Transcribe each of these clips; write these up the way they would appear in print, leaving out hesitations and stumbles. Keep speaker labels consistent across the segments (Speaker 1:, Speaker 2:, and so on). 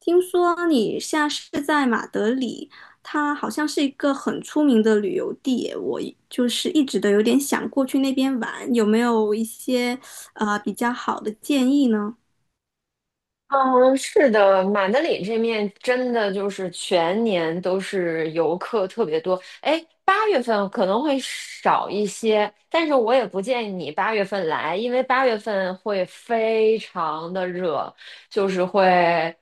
Speaker 1: 听说你现在是在马德里，它好像是一个很出名的旅游地耶。就是一直都有点想过去那边玩，有没有一些比较好的建议呢？
Speaker 2: 嗯，是的，马德里这面真的就是全年都是游客特别多。哎，八月份可能会少一些，但是我也不建议你八月份来，因为八月份会非常的热，就是会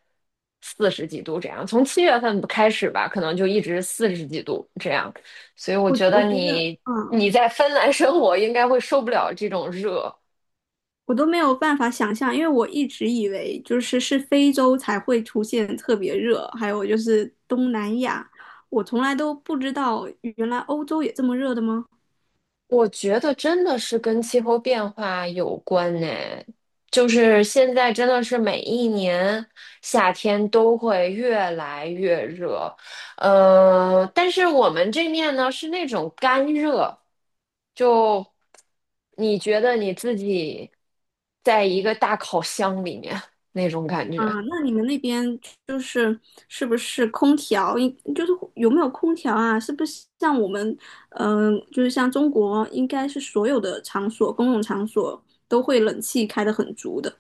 Speaker 2: 四十几度这样。从7月份开始吧，可能就一直四十几度这样。所以我
Speaker 1: 我
Speaker 2: 觉
Speaker 1: 我
Speaker 2: 得
Speaker 1: 觉得，
Speaker 2: 你
Speaker 1: 嗯。
Speaker 2: 你在芬兰生活应该会受不了这种热。
Speaker 1: 我都没有办法想象，因为我一直以为就是非洲才会出现特别热，还有就是东南亚，我从来都不知道原来欧洲也这么热的吗？
Speaker 2: 我觉得真的是跟气候变化有关呢，就是现在真的是每一年夏天都会越来越热，但是我们这面呢是那种干热，就你觉得你自己在一个大烤箱里面 那种感觉。
Speaker 1: 啊，那你们那边就是是不是空调？就是有没有空调啊？是不是像我们，就是像中国，应该是所有的场所，公共场所都会冷气开得很足的。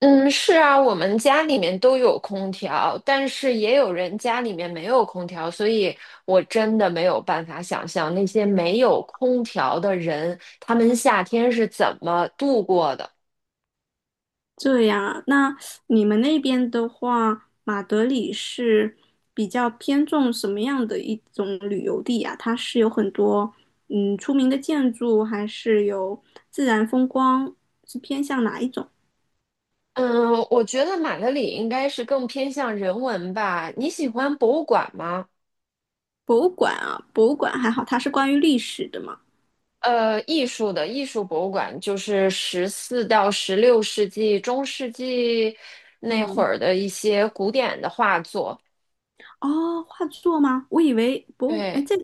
Speaker 2: 嗯，是啊，我们家里面都有空调，但是也有人家里面没有空调，所以我真的没有办法想象那些没有空调的人，他们夏天是怎么度过的。
Speaker 1: 这样啊，那你们那边的话，马德里是比较偏重什么样的一种旅游地啊？它是有很多出名的建筑，还是有自然风光？是偏向哪一种？
Speaker 2: 嗯，我觉得马德里应该是更偏向人文吧。你喜欢博物馆吗？
Speaker 1: 博物馆啊，博物馆还好，它是关于历史的嘛。
Speaker 2: 艺术博物馆就是十四到十六世纪、中世纪那会
Speaker 1: 嗯。
Speaker 2: 儿的一些古典的画作。
Speaker 1: 哦，画作吗？我以为哎，
Speaker 2: 对。
Speaker 1: 这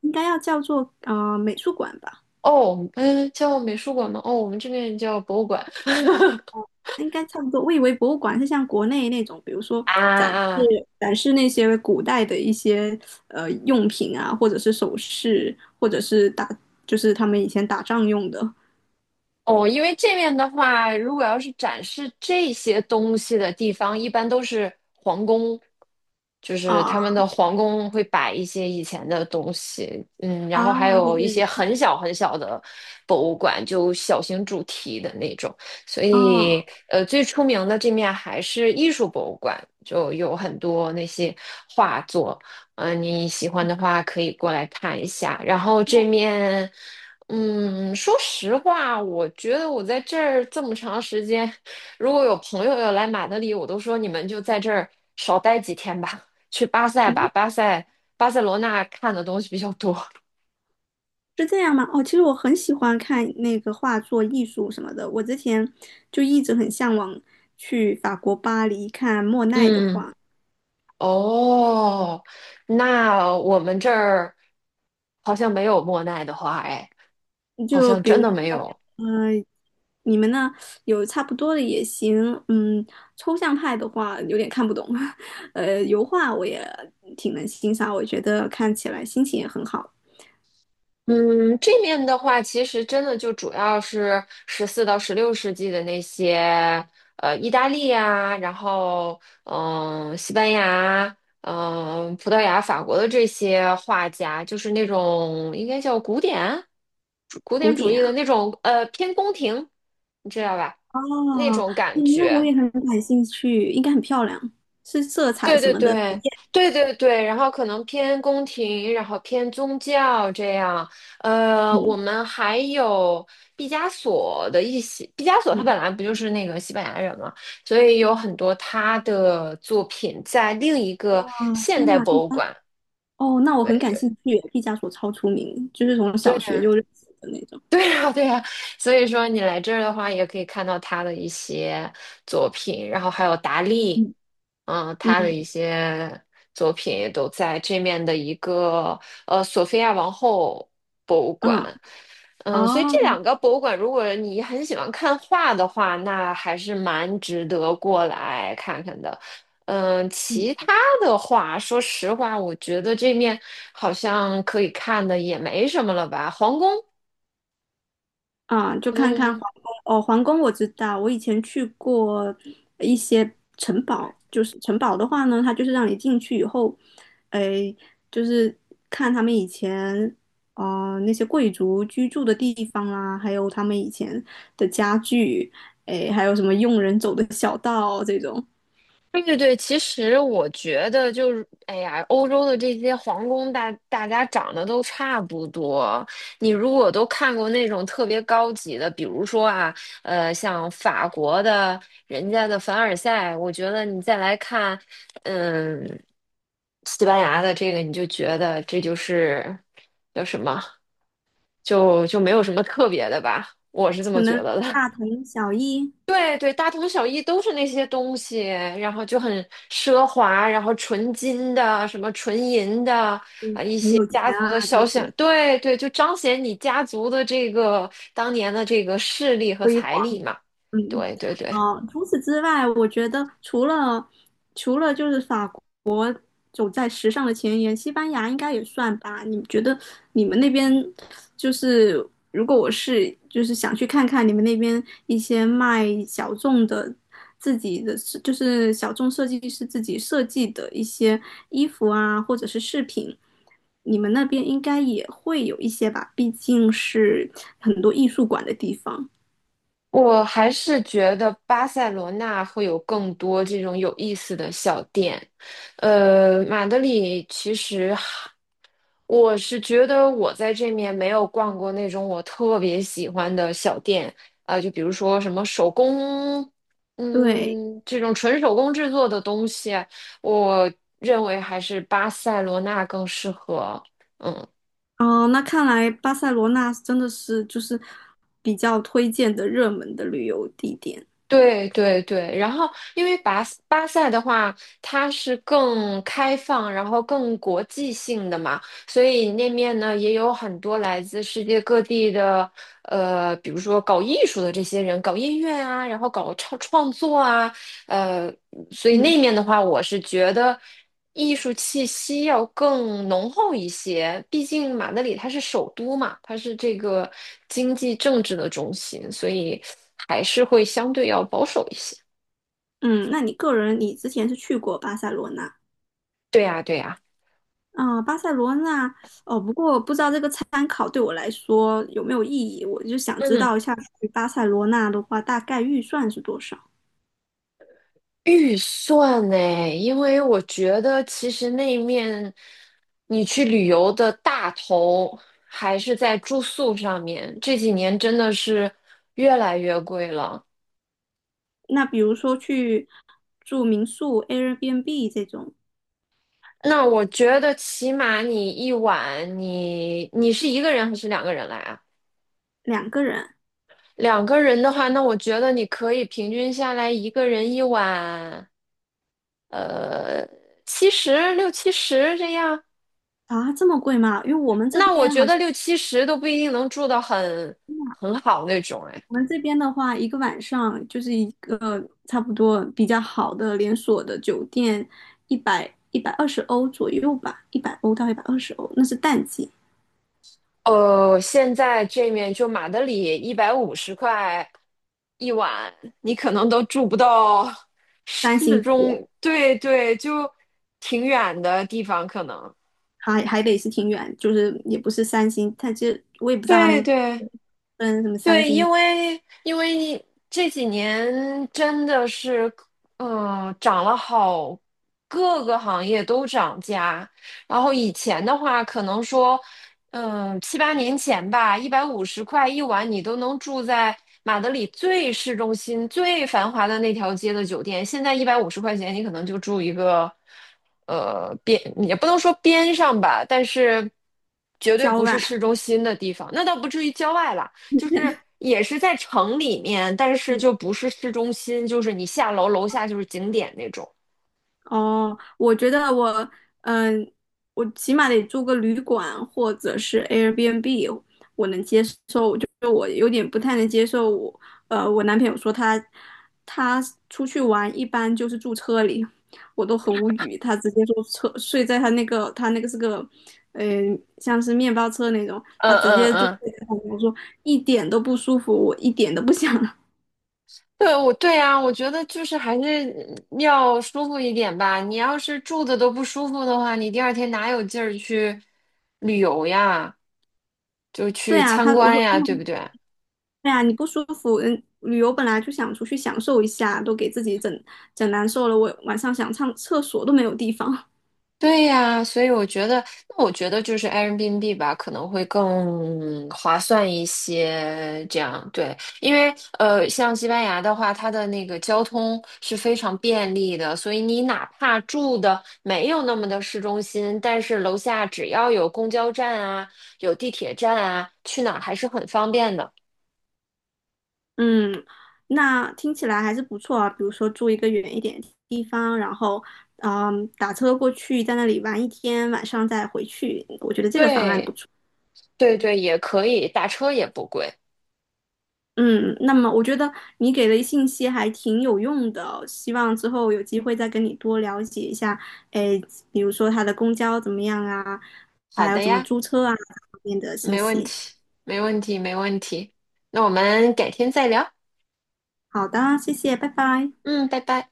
Speaker 1: 应该要叫做美术馆吧，
Speaker 2: 哦，嗯，叫美术馆吗？哦，我们这边叫博物馆。
Speaker 1: 应该差不多。我以为博物馆是像国内那种，比如说
Speaker 2: 啊
Speaker 1: 展
Speaker 2: 啊，
Speaker 1: 示展示那些古代的一些用品啊，或者是首饰，或者是就是他们以前打仗用的。
Speaker 2: 哦，因为这面的话，如果要是展示这些东西的地方，一般都是皇宫，就是
Speaker 1: 啊
Speaker 2: 他们的皇宫会摆一些以前的东西，然后还
Speaker 1: 啊，是
Speaker 2: 有
Speaker 1: 这
Speaker 2: 一些
Speaker 1: 样
Speaker 2: 很小很小的博物馆，就小型主题的那种。所
Speaker 1: 啊。
Speaker 2: 以，最出名的这面还是艺术博物馆，就有很多那些画作，你喜欢的话可以过来看一下。然后这面。嗯，说实话，我觉得我在这儿这么长时间，如果有朋友要来马德里，我都说你们就在这儿少待几天吧，去巴塞吧，
Speaker 1: 嗯。
Speaker 2: 巴塞罗那看的东西比较多。
Speaker 1: 是这样吗？哦，其实我很喜欢看那个画作、艺术什么的。我之前就一直很向往去法国巴黎看莫奈的
Speaker 2: 嗯，
Speaker 1: 画。
Speaker 2: 哦，那我们这儿好像没有莫奈的花，哎，好
Speaker 1: 就
Speaker 2: 像
Speaker 1: 比
Speaker 2: 真
Speaker 1: 如
Speaker 2: 的没
Speaker 1: 说，
Speaker 2: 有。
Speaker 1: 嗯、你们呢？有差不多的也行。嗯，抽象派的话有点看不懂。油画我也挺能欣赏，我觉得看起来心情也很好。
Speaker 2: 嗯，这面的话，其实真的就主要是十四到十六世纪的那些，意大利呀，然后西班牙，葡萄牙、法国的这些画家，就是那种应该叫古典主古典
Speaker 1: 古
Speaker 2: 主
Speaker 1: 典
Speaker 2: 义的
Speaker 1: 啊。
Speaker 2: 那种，偏宫廷，你知道吧？那
Speaker 1: 哦。
Speaker 2: 种感
Speaker 1: 那我
Speaker 2: 觉。
Speaker 1: 也很感兴趣，应该很漂亮，是色彩
Speaker 2: 对
Speaker 1: 什
Speaker 2: 对
Speaker 1: 么的。
Speaker 2: 对对对对，然后可能偏宫廷，然后偏宗教这样。我
Speaker 1: 嗯
Speaker 2: 们还有毕加索的一些，毕加索他
Speaker 1: 嗯。
Speaker 2: 本来不就是那个西班牙人嘛，所以有很多他的作品在另一个现
Speaker 1: 天
Speaker 2: 代
Speaker 1: 呐。
Speaker 2: 博物馆。
Speaker 1: 哦，那我
Speaker 2: 对
Speaker 1: 很
Speaker 2: 对。
Speaker 1: 感
Speaker 2: 对。
Speaker 1: 兴趣，毕加索超出名，就是从小学就认识的那种。
Speaker 2: 对呀，对呀，所以说你来这儿的话，也可以看到他的一些作品，然后还有达利，
Speaker 1: 嗯。
Speaker 2: 他的
Speaker 1: 嗯。
Speaker 2: 一些作品也都在这面的一个索菲亚王后博物馆，
Speaker 1: 啊。
Speaker 2: 嗯，所以这
Speaker 1: 哦。
Speaker 2: 两个博物馆，如果你很喜欢看画的话，那还是蛮值得过来看看的。嗯，
Speaker 1: 嗯。
Speaker 2: 其他的话，说实话，我觉得这面好像可以看的也没什么了吧，皇宫。
Speaker 1: 啊，就看看皇
Speaker 2: 嗯，
Speaker 1: 宫。哦，皇宫我知道，我以前去过一些城堡，就是城堡的话呢，它就是让你进去以后。哎，就是看他们以前那些贵族居住的地方啦、还有他们以前的家具。哎，还有什么佣人走的小道这种。
Speaker 2: 对对对，其实我觉得就是，哎呀，欧洲的这些皇宫大，大家长得都差不多。你如果都看过那种特别高级的，比如说啊，像法国的人家的凡尔赛，我觉得你再来看，嗯，西班牙的这个，你就觉得这就是叫什么，就没有什么特别的吧，我是这
Speaker 1: 可
Speaker 2: 么觉
Speaker 1: 能
Speaker 2: 得的。
Speaker 1: 大同小异。
Speaker 2: 对对，大同小异都是那些东西，然后就很奢华，然后纯金的，什么纯银的，
Speaker 1: 嗯，很有
Speaker 2: 家
Speaker 1: 钱
Speaker 2: 族的
Speaker 1: 啊，
Speaker 2: 肖
Speaker 1: 听起
Speaker 2: 像，
Speaker 1: 来
Speaker 2: 对对，就彰显你家族的这个当年的这个势力和
Speaker 1: 辉
Speaker 2: 财
Speaker 1: 煌。
Speaker 2: 力嘛。
Speaker 1: 嗯。
Speaker 2: 对对对，
Speaker 1: 哦，除此之外，我觉得除了就是法国走在时尚的前沿，西班牙应该也算吧？你觉得你们那边就是如果我就是想去看看你们那边一些卖小众的自己的就是小众设计师自己设计的一些衣服啊，或者是饰品，你们那边应该也会有一些吧？毕竟是很多艺术馆的地方。
Speaker 2: 我还是觉得巴塞罗那会有更多这种有意思的小店。马德里其实我是觉得我在这面没有逛过那种我特别喜欢的小店，啊、就比如说什么手工，
Speaker 1: 对。
Speaker 2: 这种纯手工制作的东西，我认为还是巴塞罗那更适合。嗯。
Speaker 1: 哦，那看来巴塞罗那真的是就是比较推荐的热门的旅游地点。
Speaker 2: 对对对，然后因为巴塞的话，它是更开放，然后更国际性的嘛，所以那面呢也有很多来自世界各地的，比如说搞艺术的这些人，搞音乐啊，然后搞创作啊，呃，所以那
Speaker 1: 嗯。
Speaker 2: 面的话，我是觉得艺术气息要更浓厚一些。毕竟马德里它是首都嘛，它是这个经济政治的中心，所以还是会相对要保守一些。
Speaker 1: 嗯，那你个人你之前是去过巴塞罗那？
Speaker 2: 对呀，对呀，
Speaker 1: 啊、巴塞罗那。哦，不过不知道这个参考对我来说有没有意义，我就想知
Speaker 2: 嗯，
Speaker 1: 道一下去巴塞罗那的话，大概预算是多少？
Speaker 2: 预算呢？因为我觉得其实那面你去旅游的大头还是在住宿上面，这几年真的是越来越贵了。
Speaker 1: 那比如说去住民宿、Airbnb 这种。
Speaker 2: 那我觉得起码你一晚，你是一个人还是两个人来啊？
Speaker 1: 两个人。
Speaker 2: 两个人的话，那我觉得你可以平均下来一个人一晚，呃，七十六七十这样。
Speaker 1: 啊，这么贵吗？因为我们这
Speaker 2: 那我
Speaker 1: 边
Speaker 2: 觉
Speaker 1: 好
Speaker 2: 得
Speaker 1: 像。
Speaker 2: 六七十都不一定能住到很好那种，哎。
Speaker 1: 我们这边的话，一个晚上就是一个差不多比较好的连锁的酒店，一百一百二十欧左右吧，100欧到一百二十欧，那是淡季，
Speaker 2: 现在这面就马德里一百五十块一晚，你可能都住不到
Speaker 1: 三
Speaker 2: 市
Speaker 1: 星级。
Speaker 2: 中，对对，就挺远的地方，可能。
Speaker 1: 还得是挺远，就是也不是三星，但其实我也不知道他
Speaker 2: 对
Speaker 1: 们
Speaker 2: 对，
Speaker 1: 分什么三
Speaker 2: 对，因
Speaker 1: 星。
Speaker 2: 为因为这几年真的是，涨了好，各个行业都涨价。然后以前的话，可能说，七八年前吧，一百五十块一晚，你都能住在马德里最市中心、最繁华的那条街的酒店。现在150块钱，你可能就住一个，边也不能说边上吧，但是绝对
Speaker 1: 郊
Speaker 2: 不是
Speaker 1: 外。
Speaker 2: 市中心的地方。那倒不至于郊外啦。就是也是在城里面，但是
Speaker 1: 嗯。
Speaker 2: 就不是市中心，就是你下楼楼下就是景点那种。
Speaker 1: 哦，我觉得嗯、我起码得住个旅馆或者是 Airbnb，我能接受。就我有点不太能接受我男朋友说他出去玩一般就是住车里，我都很无语。他直接说车睡在他那个是个，呃，像是面包车那种，
Speaker 2: 嗯
Speaker 1: 他直
Speaker 2: 嗯
Speaker 1: 接就
Speaker 2: 嗯，
Speaker 1: 睡在旁边我说一点都不舒服，我一点都不想。
Speaker 2: 对，对呀，我觉得就是还是要舒服一点吧。你要是住的都不舒服的话，你第二天哪有劲儿去旅游呀？就
Speaker 1: 对
Speaker 2: 去
Speaker 1: 啊，
Speaker 2: 参
Speaker 1: 我
Speaker 2: 观
Speaker 1: 说，
Speaker 2: 呀，对不
Speaker 1: 嗯，
Speaker 2: 对？
Speaker 1: 对啊，你不舒服，旅游本来就想出去享受一下，都给自己整难受了，我晚上想上厕所都没有地方。
Speaker 2: 对呀，所以我觉得，那我觉得就是 Airbnb 吧，可能会更划算一些。这样对，因为像西班牙的话，它的那个交通是非常便利的，所以你哪怕住的没有那么的市中心，但是楼下只要有公交站啊，有地铁站啊，去哪儿还是很方便的。
Speaker 1: 嗯，那听起来还是不错啊。比如说住一个远一点的地方，然后打车过去，在那里玩一天，晚上再回去，我觉得这个方案不
Speaker 2: 对，
Speaker 1: 错。
Speaker 2: 对对，也可以，打车也不贵。
Speaker 1: 嗯，那么我觉得你给的信息还挺有用的哦，希望之后有机会再跟你多了解一下。哎，比如说它的公交怎么样啊，
Speaker 2: 好
Speaker 1: 还有
Speaker 2: 的
Speaker 1: 怎么
Speaker 2: 呀，
Speaker 1: 租车啊，这方面的信
Speaker 2: 没问题，
Speaker 1: 息。
Speaker 2: 没问题，没问题。那我们改天再聊。
Speaker 1: 好的，谢谢，拜拜。
Speaker 2: 嗯，拜拜。